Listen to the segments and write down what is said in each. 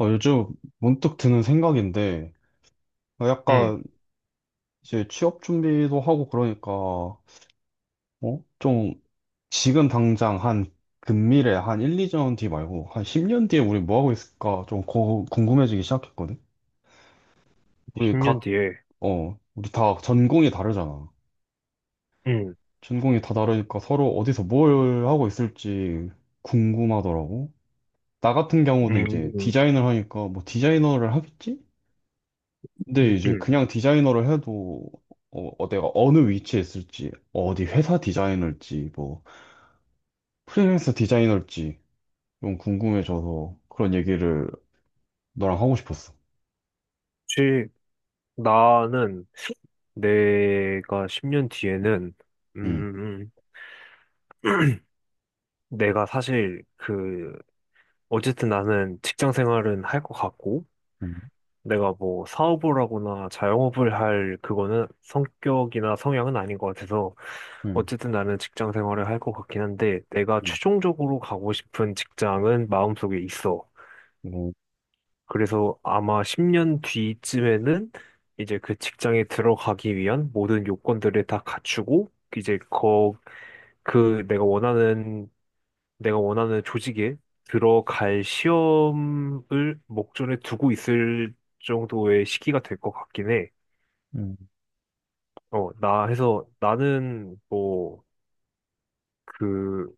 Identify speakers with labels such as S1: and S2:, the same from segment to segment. S1: 요즘 문득 드는 생각인데,
S2: 응,
S1: 약간 이제 취업 준비도 하고 그러니까, 어? 좀 지금 당장 한 금미래 한 1, 2년 뒤 말고 한 10년 뒤에 우리 뭐 하고 있을까 좀 궁금해지기 시작했거든? 우리
S2: 10년
S1: 각,
S2: 뒤에.
S1: 우리 다 전공이 다르잖아.
S2: 응,
S1: 전공이 다 다르니까 서로 어디서 뭘 하고 있을지 궁금하더라고. 나 같은 경우는
S2: 응,
S1: 이제
S2: 응,
S1: 디자인을 하니까 뭐 디자이너를 하겠지? 근데 이제
S2: 응.
S1: 그냥 디자이너를 해도 내가 어느 위치에 있을지, 어디 회사 디자이너일지, 뭐 프리랜서 디자이너일지 좀 궁금해져서 그런 얘기를 너랑 하고 싶었어.
S2: 혹시 나는 내가 10년 뒤에는, 음,
S1: 응,
S2: 음, 음, 내가 사실 어쨌든 나는 직장 생활은 할 것 같고,
S1: 응,
S2: 내가 뭐 사업을 하거나 자영업을 할 그거는 성격이나 성향은 아닌 것 같아서,
S1: 응,
S2: 어쨌든 나는 직장 생활을 할 것 같긴 한데, 내가
S1: 응,
S2: 최종적으로 가고 싶은 직장은 마음속에 있어.
S1: 뭐,
S2: 그래서 아마 10년 뒤쯤에는 이제 그 직장에 들어가기 위한 모든 요건들을 다 갖추고 이제 그 내가 원하는 조직에 들어갈 시험을 목전에 두고 있을 정도의 시기가 될 것 같긴 해.
S1: 응,
S2: 어, 나 해서 나는 뭐 그,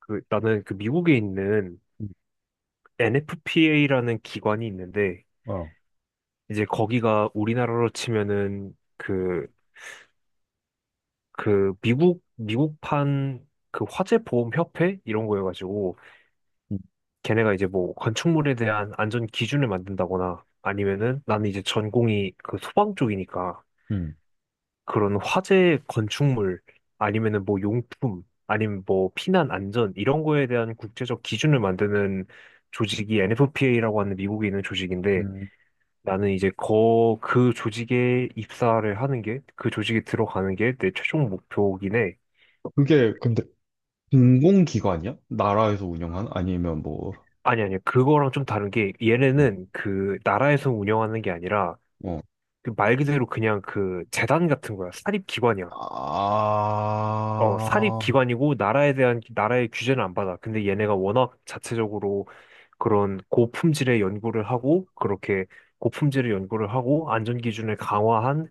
S2: 그 나는 그 미국에 있는 NFPA라는 기관이 있는데
S1: 어,
S2: 이제 거기가 우리나라로 치면은 미국판 그 화재 보험 협회 이런 거여가지고
S1: 응,
S2: 걔네가 이제 뭐 건축물에 대한 안전 기준을 만든다거나 아니면은 나는 이제 전공이 그 소방 쪽이니까
S1: 응.
S2: 그런 화재 건축물 아니면은 뭐 용품 아니면 뭐 피난 안전 이런 거에 대한 국제적 기준을 만드는 조직이 NFPA라고 하는 미국에 있는 조직인데
S1: 응.
S2: 나는 이제 거 그 조직에 입사를 하는 게 그 조직에 들어가는 게 내 최종 목표긴 해.
S1: 그게 근데 공공기관이야? 나라에서 운영한? 아니면 뭐,
S2: 아니, 아니, 그거랑 좀 다른 게,
S1: 어,
S2: 얘네는 그, 나라에서 운영하는 게 아니라,
S1: 어.
S2: 그 말 그대로 그냥 그, 재단 같은 거야. 사립기관이야. 어,
S1: 아,
S2: 사립기관이고, 나라에 대한, 나라의 규제는 안 받아. 근데 얘네가 워낙 자체적으로 그런 고품질의 연구를 하고, 그렇게 고품질의 연구를 하고, 안전기준을 강화한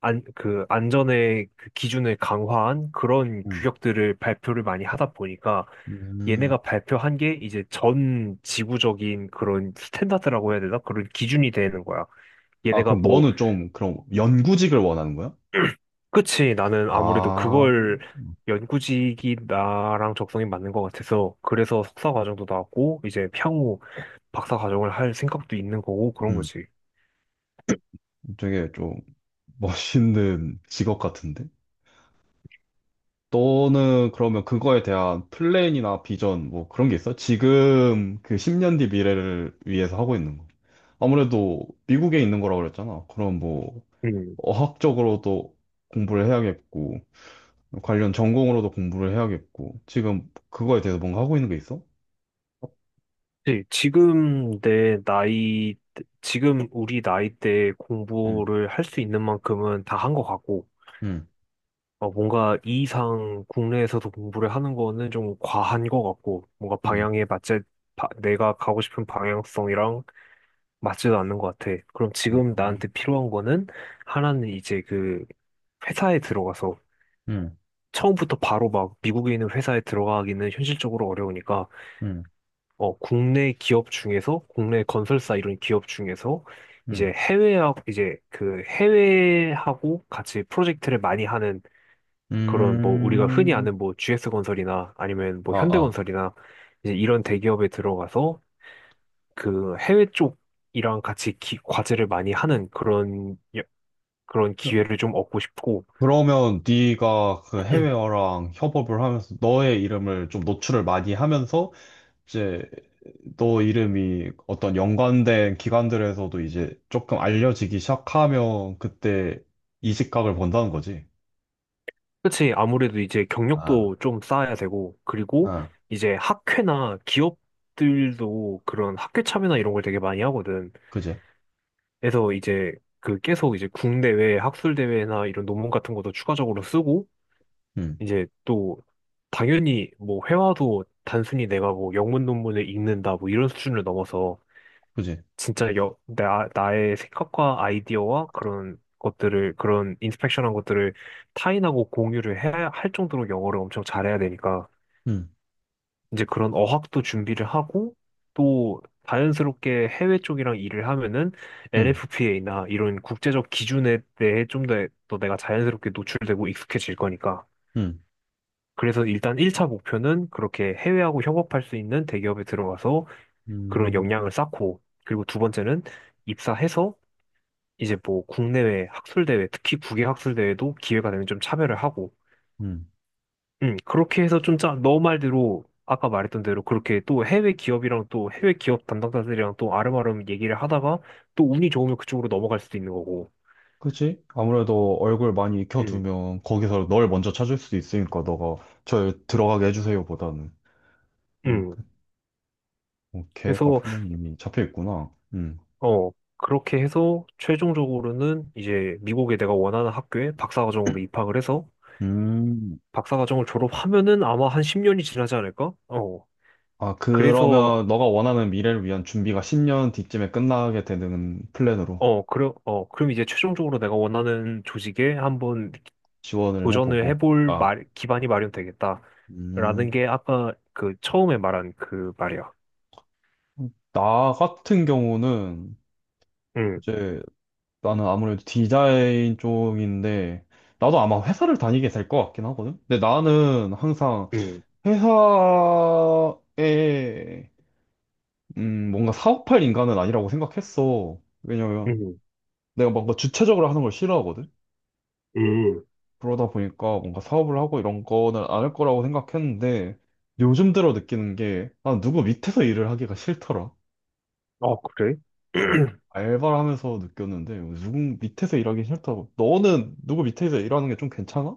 S2: 안, 그 안전의 그 기준을 강화한 그런
S1: 응,
S2: 규격들을 발표를 많이 하다 보니까
S1: 음.
S2: 얘네가 발표한 게 이제 전 지구적인 그런 스탠다드라고 해야 되나? 그런 기준이 되는 거야.
S1: 아,
S2: 얘네가
S1: 그럼
S2: 뭐,
S1: 너는 좀 그럼 연구직을 원하는 거야?
S2: 그치, 나는 아무래도
S1: 아.
S2: 그걸 연구직이 나랑 적성이 맞는 것 같아서 그래서 석사 과정도 나왔고 이제 향후 박사 과정을 할 생각도 있는 거고 그런
S1: 음,
S2: 거지.
S1: 되게 좀 멋있는 직업 같은데? 너는 그러면 그거에 대한 플랜이나 비전 뭐 그런 게 있어? 지금 그 10년 뒤 미래를 위해서 하고 있는 거. 아무래도 미국에 있는 거라고 그랬잖아. 그럼 뭐
S2: 음.
S1: 어학적으로도 공부를 해야겠고 관련 전공으로도 공부를 해야겠고 지금 그거에 대해서 뭔가 하고 있는 게 있어?
S2: 네, 지금 내 나이, 지금 우리 나이 때
S1: 음,
S2: 공부를 할 수 있는 만큼은 다 한 것 같고,
S1: 음,
S2: 어, 뭔가 이 이상 국내에서도 공부를 하는 거는 좀 과한 것 같고, 뭔가
S1: 음,
S2: 방향에 맞지, 내가 가고 싶은 방향성이랑 맞지도 않는 것 같아. 그럼
S1: 음,
S2: 지금
S1: 음,
S2: 나한테 필요한 거는 하나는 이제 그 회사에 들어가서
S1: 음,
S2: 처음부터 바로 막 미국에 있는 회사에 들어가기는 현실적으로 어려우니까
S1: 음,
S2: 어, 국내 기업 중에서, 국내 건설사 이런 기업 중에서,
S1: 음.
S2: 이제 해외하고, 같이 프로젝트를 많이 하는 그런 뭐 우리가 흔히
S1: 음.
S2: 아는 뭐 GS건설이나 아니면 뭐
S1: 아, 아.
S2: 현대건설이나 이제 이런 대기업에 들어가서 그 해외 쪽이랑 같이 과제를 많이 하는 그런 기회를 좀 얻고 싶고,
S1: 그러면 네가 그 해외어랑 협업을 하면서 너의 이름을 좀 노출을 많이 하면서 이제 너 이름이 어떤 연관된 기관들에서도 이제 조금 알려지기 시작하면 그때 이직각을 본다는 거지.
S2: 그치. 아무래도 이제
S1: 아,
S2: 경력도 좀 쌓아야 되고, 그리고
S1: 아,
S2: 이제 학회나 기업들도 그런 학회 참여나 이런 걸 되게 많이 하거든.
S1: 그지?
S2: 그래서 이제 그 계속 이제 국내외 학술대회나 이런 논문 같은 것도 추가적으로 쓰고,
S1: 응,
S2: 이제 또 당연히 뭐 회화도 단순히 내가 뭐 영문 논문을 읽는다 뭐 이런 수준을 넘어서
S1: 그지?
S2: 진짜 나의 생각과 아이디어와 그런 것들을, 그런 인스펙션한 것들을 타인하고 공유를 해야 할 정도로 영어를 엄청 잘해야 되니까,
S1: 응,
S2: 이제 그런 어학도 준비를 하고, 또 자연스럽게 해외 쪽이랑 일을 하면은
S1: 응,
S2: NFPA나 이런 국제적 기준에 대해 좀 더 또 내가 자연스럽게 노출되고 익숙해질 거니까.
S1: 응,
S2: 그래서 일단 1차 목표는 그렇게 해외하고 협업할 수 있는 대기업에 들어가서 그런
S1: 음,
S2: 역량을 쌓고, 그리고 두 번째는 입사해서 이제 뭐 국내외 학술대회, 특히 국외 학술대회도 기회가 되면 좀 참여를 하고,
S1: 응.
S2: 그렇게 해서 좀 너 말대로, 아까 말했던 대로 그렇게 또 해외 기업이랑 또 해외 기업 담당자들이랑 또 아름아름 얘기를 하다가 또 운이 좋으면 그쪽으로 넘어갈 수도 있는 거고,
S1: 그지? 아무래도 얼굴 많이
S2: 음,
S1: 익혀두면 거기서 널 먼저 찾을 수도 있으니까 너가 저 들어가게 해주세요 보다는. 음.
S2: 음.
S1: 계획과
S2: 그래서,
S1: 플랜이 이미 잡혀 있구나. 음.
S2: 어, 그렇게 해서 최종적으로는 이제 미국에 내가 원하는 학교에 박사과정으로 입학을 해서
S1: 음.
S2: 박사과정을 졸업하면은 아마 한 10년이 지나지 않을까? 어.
S1: 아,
S2: 그래서
S1: 그러면 너가 원하는 미래를 위한 준비가 10년 뒤쯤에 끝나게 되는 플랜으로
S2: 어, 그럼, 어, 그럼 이제 최종적으로 내가 원하는 조직에 한번
S1: 지원을
S2: 도전을
S1: 해보고.
S2: 해볼
S1: 아.
S2: 기반이 마련되겠다. 라는
S1: 음.
S2: 게 아까 그 처음에 말한 그 말이야.
S1: 나 같은 경우는
S2: 응,
S1: 이제 나는 아무래도 디자인 쪽인데 나도 아마 회사를 다니게 될 것 같긴 하거든. 근데 나는 항상
S2: 응,
S1: 회사에 뭔가 사업할 인간은 아니라고 생각했어. 왜냐면
S2: 응,
S1: 내가 뭔가 주체적으로 하는 걸 싫어하거든?
S2: 응.
S1: 그러다 보니까 뭔가 사업을 하고 이런 거는 안 할 거라고 생각했는데 요즘 들어 느끼는 게 아, 누구 밑에서 일을 하기가 싫더라.
S2: 아, 그래?
S1: 어. 알바를 하면서 느꼈는데 누구 밑에서 일하기 싫다고. 너는 누구 밑에서 일하는 게 좀 괜찮아?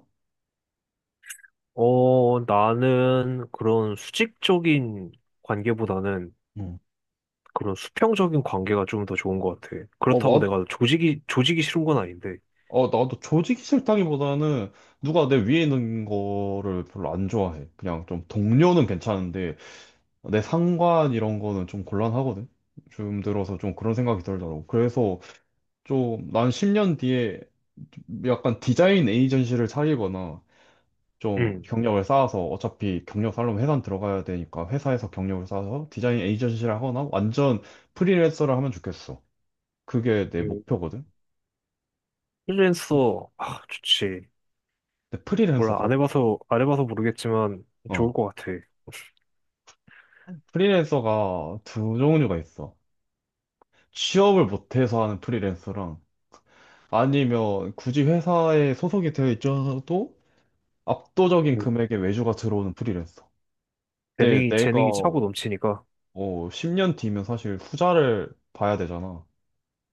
S2: 어, 나는 그런 수직적인 관계보다는
S1: 응.
S2: 그런 수평적인 관계가 좀 더 좋은 것 같아.
S1: 어,
S2: 그렇다고
S1: 마,
S2: 내가 조직이 싫은 건 아닌데.
S1: 나도 조직이 싫다기보다는 누가 내 위에 있는 거를 별로 안 좋아해. 그냥 좀 동료는 괜찮은데 내 상관 이런 거는 좀 곤란하거든. 요즘 들어서 좀 그런 생각이 들더라고. 그래서 좀 난 10년 뒤에 약간 디자인 에이전시를 차리거나 좀
S2: 응,
S1: 경력을 쌓아서 어차피 경력 살려면 회사 들어가야 되니까 회사에서 경력을 쌓아서 디자인 에이전시를 하거나 완전 프리랜서를 하면 좋겠어. 그게 내
S2: 응.
S1: 목표거든.
S2: 프리랜서, 아, 좋지.
S1: 근데
S2: 몰라, 안 해봐서 모르겠지만
S1: 어
S2: 좋을 것 같아.
S1: 프리랜서가 두 종류가 있어. 취업을 못해서 하는 프리랜서랑 아니면 굳이 회사에 소속이 되어 있어도 압도적인
S2: 음,
S1: 금액의 외주가 들어오는 프리랜서. 근데 내가
S2: 재능이 차고 넘치니까.
S1: 10년 뒤면 사실 투자를 봐야 되잖아.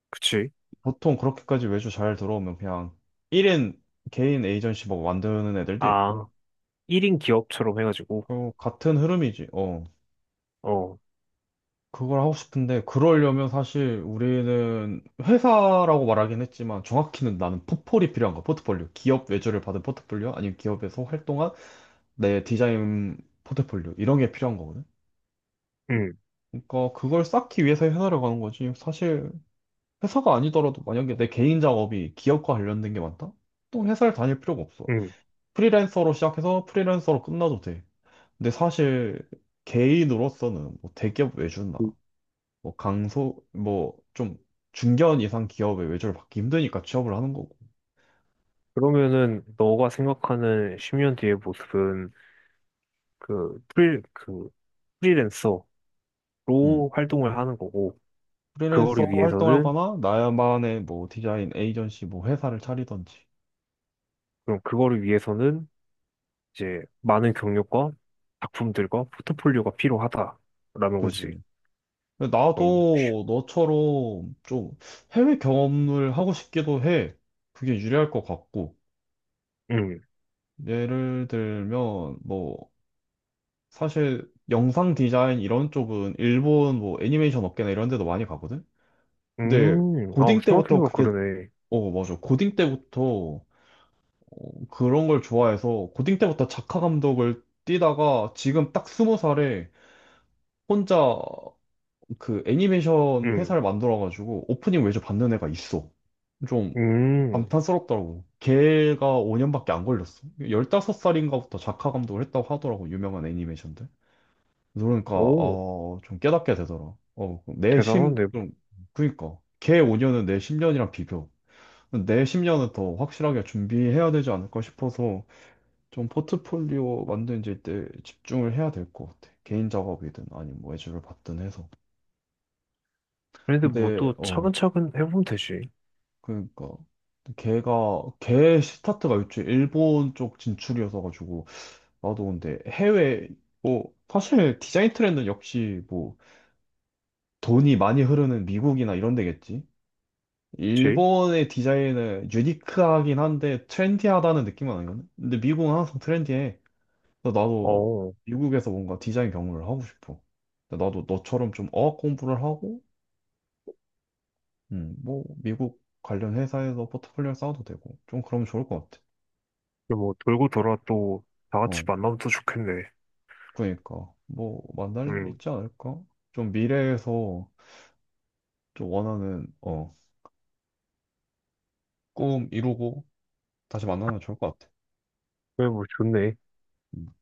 S2: 그치?
S1: 보통 그렇게까지 외주 잘 들어오면 그냥 1인 개인 에이전시 막 만드는 애들도 있고.
S2: 아, 1인 기업처럼 해가지고.
S1: 그 같은 흐름이지. 어.
S2: 어,
S1: 그걸 하고 싶은데 그러려면 사실 우리는 회사라고 말하긴 했지만 정확히는 나는 포폴이 필요한 거야. 포트폴리오. 기업 외주를 받은 포트폴리오 아니면 기업에서 활동한 내 디자인 포트폴리오 이런 게 필요한 거거든.
S2: 응,
S1: 그러니까 그걸 쌓기 위해서 회사를 가는 거지. 사실 회사가 아니더라도 만약에 내 개인 작업이 기업과 관련된 게 많다? 또 회사를 다닐 필요가 없어.
S2: 응,
S1: 프리랜서로 시작해서 프리랜서로 끝나도 돼. 근데 사실 개인으로서는 뭐 대기업 외주나
S2: 그-
S1: 뭐 강소 뭐 좀 중견 이상 기업의 외주를 받기 힘드니까 취업을 하는 거고.
S2: 러면은 너가 생각하는 10년 뒤의 모습은, 그, 프리, 그, 프리랜서로
S1: 음.
S2: 활동을 하는 거고, 그거를
S1: 프리랜서로
S2: 위해서는,
S1: 활동하거나 나만의 뭐 디자인 에이전시 뭐 회사를 차리던지.
S2: 그럼 그거를 위해서는, 이제, 많은 경력과 작품들과 포트폴리오가 필요하다라는 거지.
S1: 그지. 근데
S2: 음,
S1: 나도 너처럼 좀 해외 경험을 하고 싶기도 해. 그게 유리할 것 같고.
S2: 음,
S1: 예를 들면 뭐 사실 영상 디자인 이런 쪽은 일본 뭐 애니메이션 업계나 이런 데도 많이 가거든. 근데
S2: 아,
S1: 고딩 때부터
S2: 생각해보니까
S1: 그게
S2: 그러네.
S1: 어, 맞아. 고딩 때부터 그런 걸 좋아해서 고딩 때부터 작화 감독을 뛰다가 지금 딱 스무 살에 혼자 그 애니메이션
S2: 음,
S1: 회사를 만들어가지고 오프닝 외주 받는 애가 있어. 좀
S2: 음,
S1: 감탄스럽더라고. 걔가 5년밖에 안 걸렸어. 15살인가부터 작화 감독을 했다고 하더라고, 유명한 애니메이션들. 그러니까
S2: 오.
S1: 좀 깨닫게 되더라.
S2: 대단한데.
S1: 좀, 그니까 걔 5년은 내 10년이랑 비교. 내 10년은 더 확실하게 준비해야 되지 않을까 싶어서 좀 포트폴리오 만드는 때 집중을 해야 될 것 같아. 개인 작업이든 아니면 뭐 외주를 받든 해서.
S2: 그런데 뭐
S1: 근데
S2: 또 차근차근 해보면 되지.
S1: 그러니까 걔가 걔 스타트가 요즘 일본 쪽 진출이어서 가지고 나도 근데 해외 뭐 사실 디자인 트렌드는 역시 뭐 돈이 많이 흐르는 미국이나 이런 데겠지.
S2: 그치?
S1: 일본의 디자인은 유니크하긴 한데 트렌디하다는 느낌은 아니거든? 근데 미국은 항상 트렌디해. 그래서 나도
S2: 어,
S1: 미국에서 뭔가 디자인 경험을 하고 싶어. 근데 나도 너처럼 좀 어학 공부를 하고, 뭐 미국 관련 회사에서 포트폴리오 쌓아도 되고, 좀 그러면 좋을 것 같아.
S2: 그뭐 돌고 돌아 또 다 같이
S1: 어,
S2: 만나면 또 좋겠네.
S1: 그러니까 뭐 만날 일
S2: 응.
S1: 있지 않을까? 좀 미래에서 좀 원하는 꿈 이루고 다시 만나면 좋을 것 같아.
S2: 그래, 뭐 좋네.
S1: 음.